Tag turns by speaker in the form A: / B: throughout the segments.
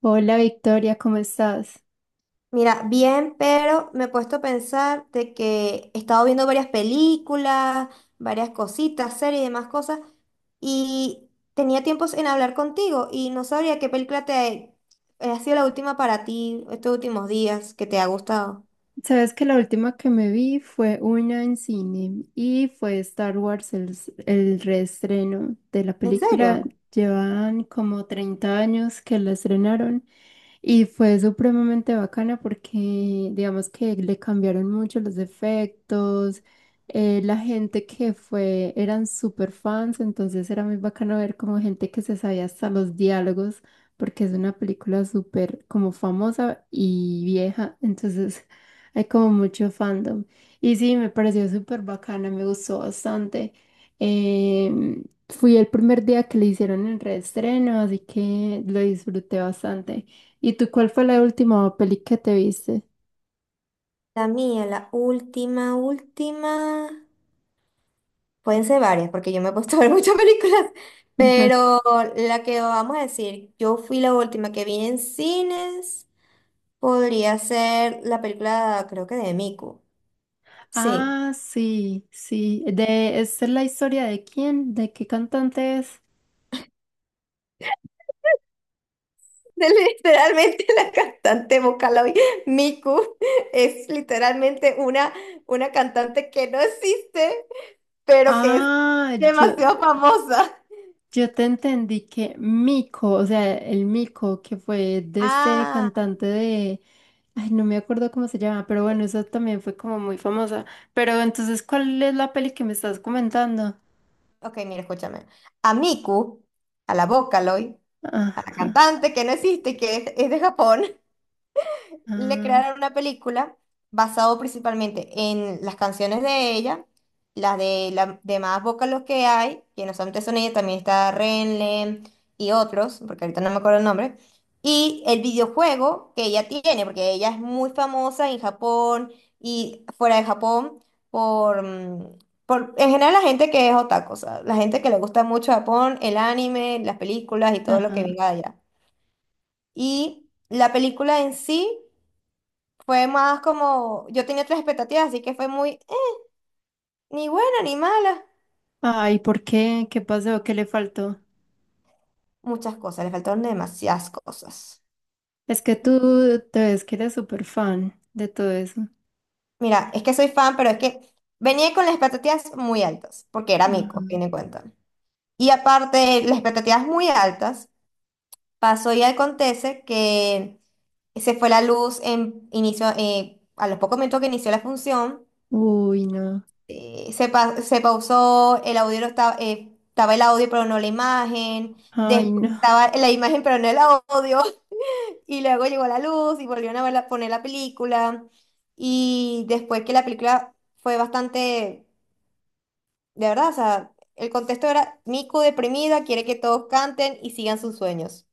A: Hola Victoria, ¿cómo estás?
B: Mira, bien, pero me he puesto a pensar de que he estado viendo varias películas, varias cositas, series y demás cosas, y tenía tiempos en hablar contigo y no sabría qué película te ha sido la última para ti estos últimos días que te ha gustado.
A: Sabes que la última que me vi fue una en cine y fue Star Wars, el reestreno de la
B: ¿En
A: película.
B: serio?
A: Llevan como 30 años que la estrenaron y fue supremamente bacana porque digamos que le cambiaron mucho los efectos. La gente que fue eran súper fans, entonces era muy bacano ver como gente que se sabía hasta los diálogos porque es una película súper como famosa y vieja, entonces... Hay como mucho fandom. Y sí, me pareció súper bacana, me gustó bastante. Fui el primer día que le hicieron el reestreno, así que lo disfruté bastante. ¿Y tú cuál fue la última peli que te viste?
B: La mía, la última, última. Pueden ser varias, porque yo me he puesto a ver muchas películas, pero la que vamos a decir, yo fui la última que vi en cines. Podría ser la película, creo que de Miku. Sí.
A: Ah, sí, sí. De, ¿esta es la historia de quién? ¿De qué cantante es?
B: De- Literalmente la cantante vocal hoy, Miku, es literalmente una cantante que no existe, pero que es
A: Ah, yo.
B: demasiado famosa.
A: Yo te entendí que Mico, o sea, el Mico, que fue de este
B: Ah,
A: cantante de, ay, no me acuerdo cómo se llama, pero bueno, eso también fue como muy famosa. Pero entonces, ¿cuál es la peli que me estás comentando?
B: ok, mira, escúchame. A Miku, a la Vocaloid, a la
A: Ajá,
B: cantante que no existe y que es de Japón, le
A: ah,
B: crearon una película basado principalmente en las canciones de ella, las de las demás los que hay, que no solamente son ella, también está Renle y otros, porque ahorita no me acuerdo el nombre, y el videojuego que ella tiene, porque ella es muy famosa en Japón y fuera de Japón por… Por, en general la gente que es otaku, o sea, la gente que le gusta mucho Japón, el anime, las películas y todo lo que
A: ajá.
B: venga de allá. Y la película en sí fue más como, yo tenía otras expectativas, así que fue muy, ni buena ni mala.
A: Ay, ¿por qué? ¿Qué pasó? ¿Qué le faltó?
B: Muchas cosas, le faltaron demasiadas cosas.
A: Es que tú te ves que eres súper fan de todo eso.
B: Mira, es que soy fan, pero es que venía con las expectativas muy altas, porque era
A: Ajá.
B: mico, tiene cuenta. Y aparte, de las expectativas muy altas, pasó y acontece que se fue la luz en inicio, a los pocos minutos que inició la función.
A: Uy, no.
B: Se pausó, el audio no estaba, estaba el audio pero no la imagen,
A: Ay,
B: después
A: no.
B: estaba la imagen pero no el audio, y luego llegó la luz y volvieron a poner la película, y después que la película fue bastante, de verdad, o sea, el contexto era Miku deprimida, quiere que todos canten y sigan sus sueños.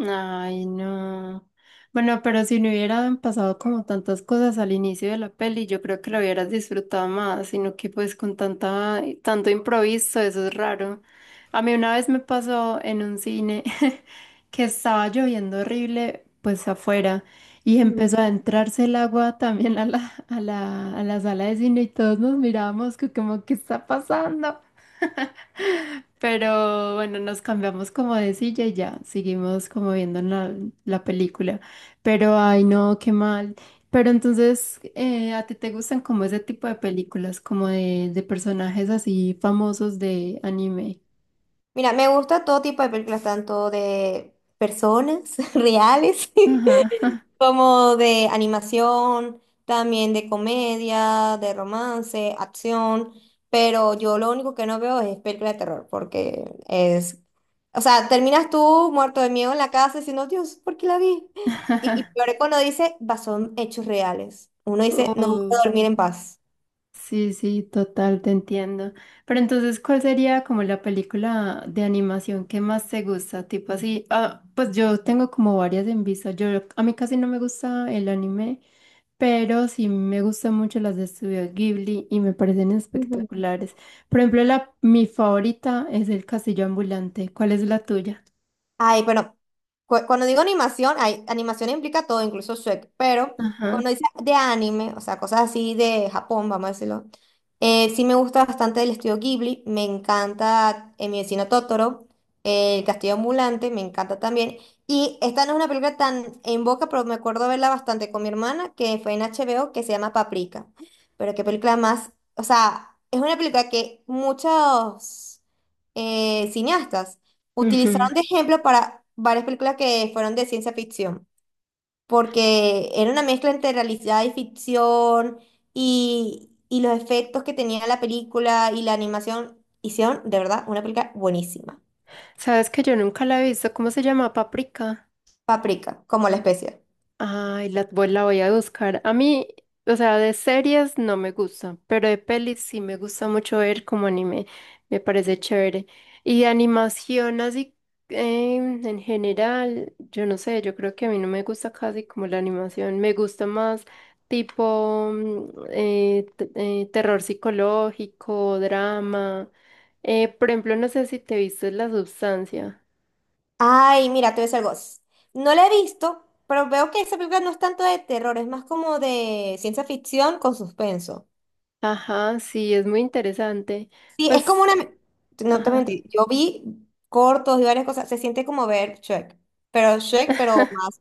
A: Ay, no. Bueno, pero si no hubieran pasado como tantas cosas al inicio de la peli, yo creo que lo hubieras disfrutado más, sino que pues con tanta, tanto improviso, eso es raro. A mí una vez me pasó en un cine que estaba lloviendo horrible, pues afuera, y
B: Ujú.
A: empezó a entrarse el agua también a la sala de cine y todos nos mirábamos que como, ¿qué está pasando? Pero bueno, nos cambiamos como de silla y ya, seguimos como viendo la película. Pero ay, no, qué mal. Pero entonces, ¿a ti te gustan como ese tipo de películas, como de personajes así famosos de anime?
B: Mira, me gusta todo tipo de películas, tanto de personas reales
A: Ajá.
B: como de animación, también de comedia, de romance, acción, pero yo lo único que no veo es película de terror, porque es, o sea, terminas tú muerto de miedo en la casa diciendo, Dios, ¿por qué la vi? Y peor es cuando dice, "Bah, son hechos reales". Uno dice, no voy
A: Oh,
B: a dormir en paz.
A: sí, sí, total, te entiendo. Pero entonces, ¿cuál sería como la película de animación que más te gusta? Tipo así, ah, pues yo tengo como varias en vista. Yo, a mí casi no me gusta el anime. Pero sí me gustan mucho las de Studio Ghibli y me parecen espectaculares. Por ejemplo, la, mi favorita es El Castillo Ambulante. ¿Cuál es la tuya?
B: Ay, pero cuando digo animación, hay, animación implica todo, incluso Shrek, pero
A: Ajá.
B: cuando dice de anime, o sea, cosas así de Japón, vamos a decirlo, sí me gusta bastante el estudio Ghibli, me encanta Mi vecino Totoro, El castillo ambulante, me encanta también, y esta no es una película tan en boca, pero me acuerdo verla bastante con mi hermana, que fue en HBO, que se llama Paprika, pero qué película más, o sea, es una película que muchos cineastas
A: Ujú.
B: utilizaron de ejemplo para varias películas que fueron de ciencia ficción, porque era una mezcla entre realidad y ficción y los efectos que tenía la película y la animación. Hicieron, de verdad, una película buenísima.
A: ¿Sabes que yo nunca la he visto? ¿Cómo se llama? Paprika.
B: Paprika, como la especie.
A: Ay, la voy a buscar. A mí, o sea, de series no me gusta, pero de pelis sí me gusta mucho ver como anime. Me parece chévere. Y de animación así en general, yo no sé, yo creo que a mí no me gusta casi como la animación. Me gusta más tipo terror psicológico, drama. Por ejemplo, no sé si te viste La Sustancia.
B: Ay, mira, te voy a decir algo. No la he visto, pero veo que esa película no es tanto de terror, es más como de ciencia ficción con suspenso.
A: Ajá, sí, es muy interesante.
B: Sí, es como
A: Pues...
B: una… No te
A: Ajá.
B: mentí, yo vi cortos y varias cosas, se siente como ver Shrek, pero más,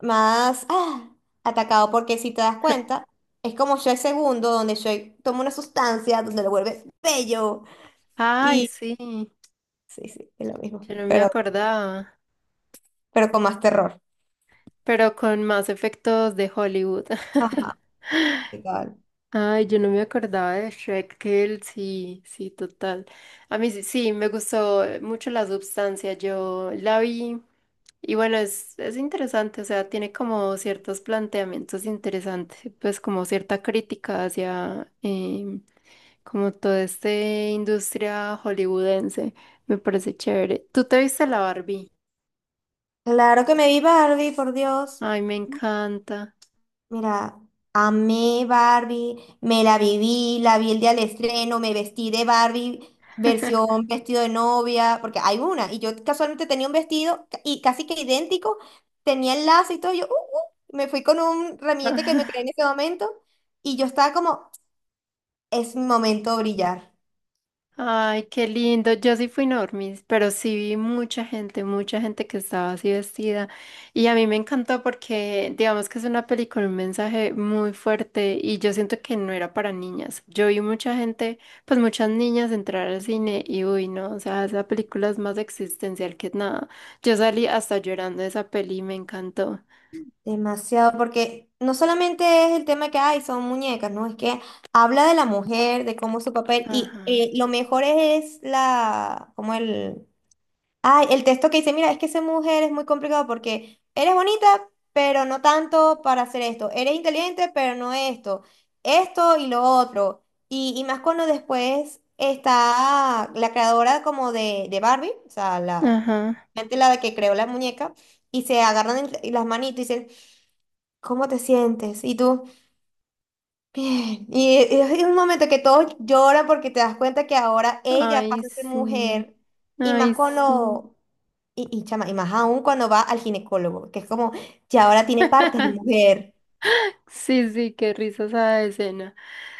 B: más atacado, porque si te das cuenta, es como Shrek segundo, donde Shrek toma una sustancia, donde lo vuelve bello,
A: Ay,
B: y
A: sí,
B: sí, sí, es lo mismo,
A: yo no me acordaba,
B: pero con más terror.
A: pero con más efectos de Hollywood.
B: Ajá, igual.
A: Ay, yo no me acordaba de Shrek, que él sí, sí, total. A mí sí, sí, me gustó mucho la substancia, yo la vi y bueno, es interesante, o sea, tiene como ciertos planteamientos interesantes, pues como cierta crítica hacia como toda esta industria hollywoodense, me parece chévere. ¿Tú te viste la Barbie?
B: Claro que me vi Barbie, por Dios.
A: Ay, me encanta.
B: Mira, amé Barbie, me la viví, la vi el día del estreno, me vestí de Barbie, versión vestido de novia, porque hay una, y yo casualmente tenía un vestido y casi que idéntico, tenía el lazo y todo, yo me fui con un ramillete que me creé en ese momento, y yo estaba como, es mi momento de brillar,
A: Ay, qué lindo. Yo sí fui normis, pero sí vi mucha gente que estaba así vestida. Y a mí me encantó porque, digamos que es una película, un mensaje muy fuerte y yo siento que no era para niñas. Yo vi mucha gente, pues muchas niñas entrar al cine y uy, no, o sea, esa película es más existencial que nada. Yo salí hasta llorando de esa peli y me encantó.
B: demasiado, porque no solamente es el tema que hay, son muñecas, ¿no? Es que habla de la mujer, de cómo es su papel, y
A: Ajá,
B: lo mejor es la, como el… Ay, el texto que dice, mira, es que ser mujer es muy complicado porque eres bonita, pero no tanto para hacer esto. Eres inteligente, pero no esto. Esto y lo otro. Y más cuando después está la creadora como de Barbie, o sea, la
A: ajá.
B: gente la que creó la muñeca, y se agarran las manitos y dicen, ¿cómo te sientes? Y tú, bien. Y es un momento que todos lloran porque te das cuenta que ahora ella
A: Ay,
B: pasa a ser
A: sí.
B: mujer. Y más
A: Ay,
B: Claro.
A: sí.
B: Cuando y chama, y más aún cuando va al ginecólogo, que es como, ya ahora tiene partes de mujer.
A: Sí, sí, qué risa esa escena.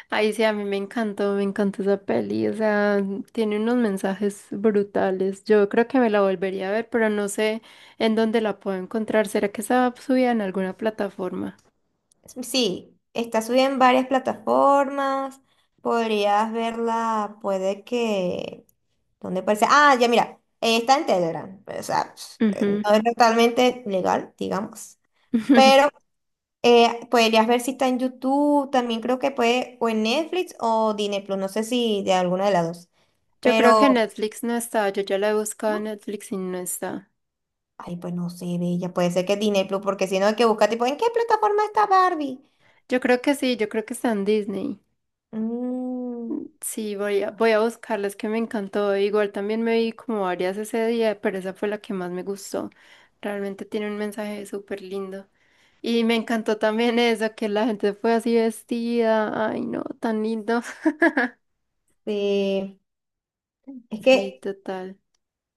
A: Ay, sí, a mí me encantó esa peli, o sea, tiene unos mensajes brutales. Yo creo que me la volvería a ver, pero no sé en dónde la puedo encontrar. ¿Será que está subida en alguna plataforma?
B: Sí, está subida en varias plataformas, podrías verla, puede que… ¿Dónde aparece? Ah, ya mira, está en Telegram, o sea,
A: Ujú.
B: no es totalmente legal, digamos, pero podrías ver si está en YouTube, también creo que puede, o en Netflix o Disney Plus, no sé si de alguna de las dos,
A: Yo creo que
B: pero…
A: Netflix no está, yo ya la he buscado en
B: ¿no?
A: Netflix y no está.
B: Ay, pues no sé, bella. Puede ser que es Disney Plus, porque si no hay que buscar, tipo, ¿en qué plataforma está Barbie?
A: Yo creo que sí, yo creo que está en Disney.
B: Mm,
A: Sí, voy a buscarlas que me encantó. Igual también me vi como varias ese día, pero esa fue la que más me gustó. Realmente tiene un mensaje súper lindo. Y me encantó también eso, que la gente fue así vestida. Ay, no, tan lindo.
B: sí. Es
A: Sí,
B: que
A: total.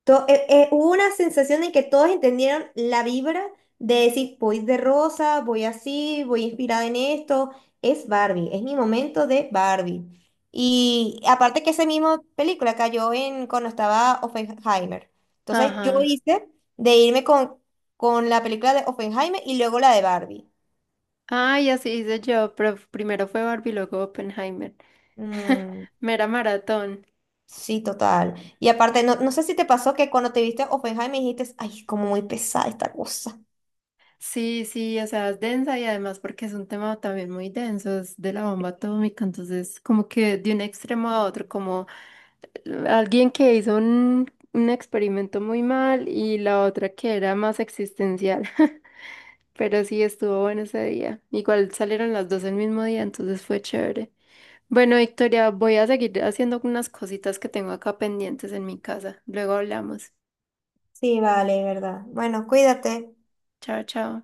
B: hubo una sensación en que todos entendieron la vibra de decir, voy de rosa, voy así, voy inspirada en esto. Es Barbie, es mi momento de Barbie. Y aparte que esa misma película cayó en cuando estaba Oppenheimer. Entonces yo
A: Ajá.
B: hice de irme con la película de Oppenheimer y luego la de Barbie.
A: Ay, así hice yo, pero primero fue Barbie, luego Oppenheimer.
B: Mm,
A: Mera maratón.
B: sí, total. Y aparte, no, no sé si te pasó que cuando te viste Oppenheimer dijiste, ay, como muy pesada esta cosa.
A: Sí, sí, o sea, es densa y además porque es un tema también muy denso, es de la bomba atómica, entonces como que de un extremo a otro, como alguien que hizo un experimento muy mal y la otra que era más existencial, pero sí estuvo bueno ese día. Igual salieron las dos el mismo día, entonces fue chévere. Bueno, Victoria, voy a seguir haciendo unas cositas que tengo acá pendientes en mi casa. Luego hablamos.
B: Sí, vale, verdad. Bueno, cuídate.
A: Chao, chao.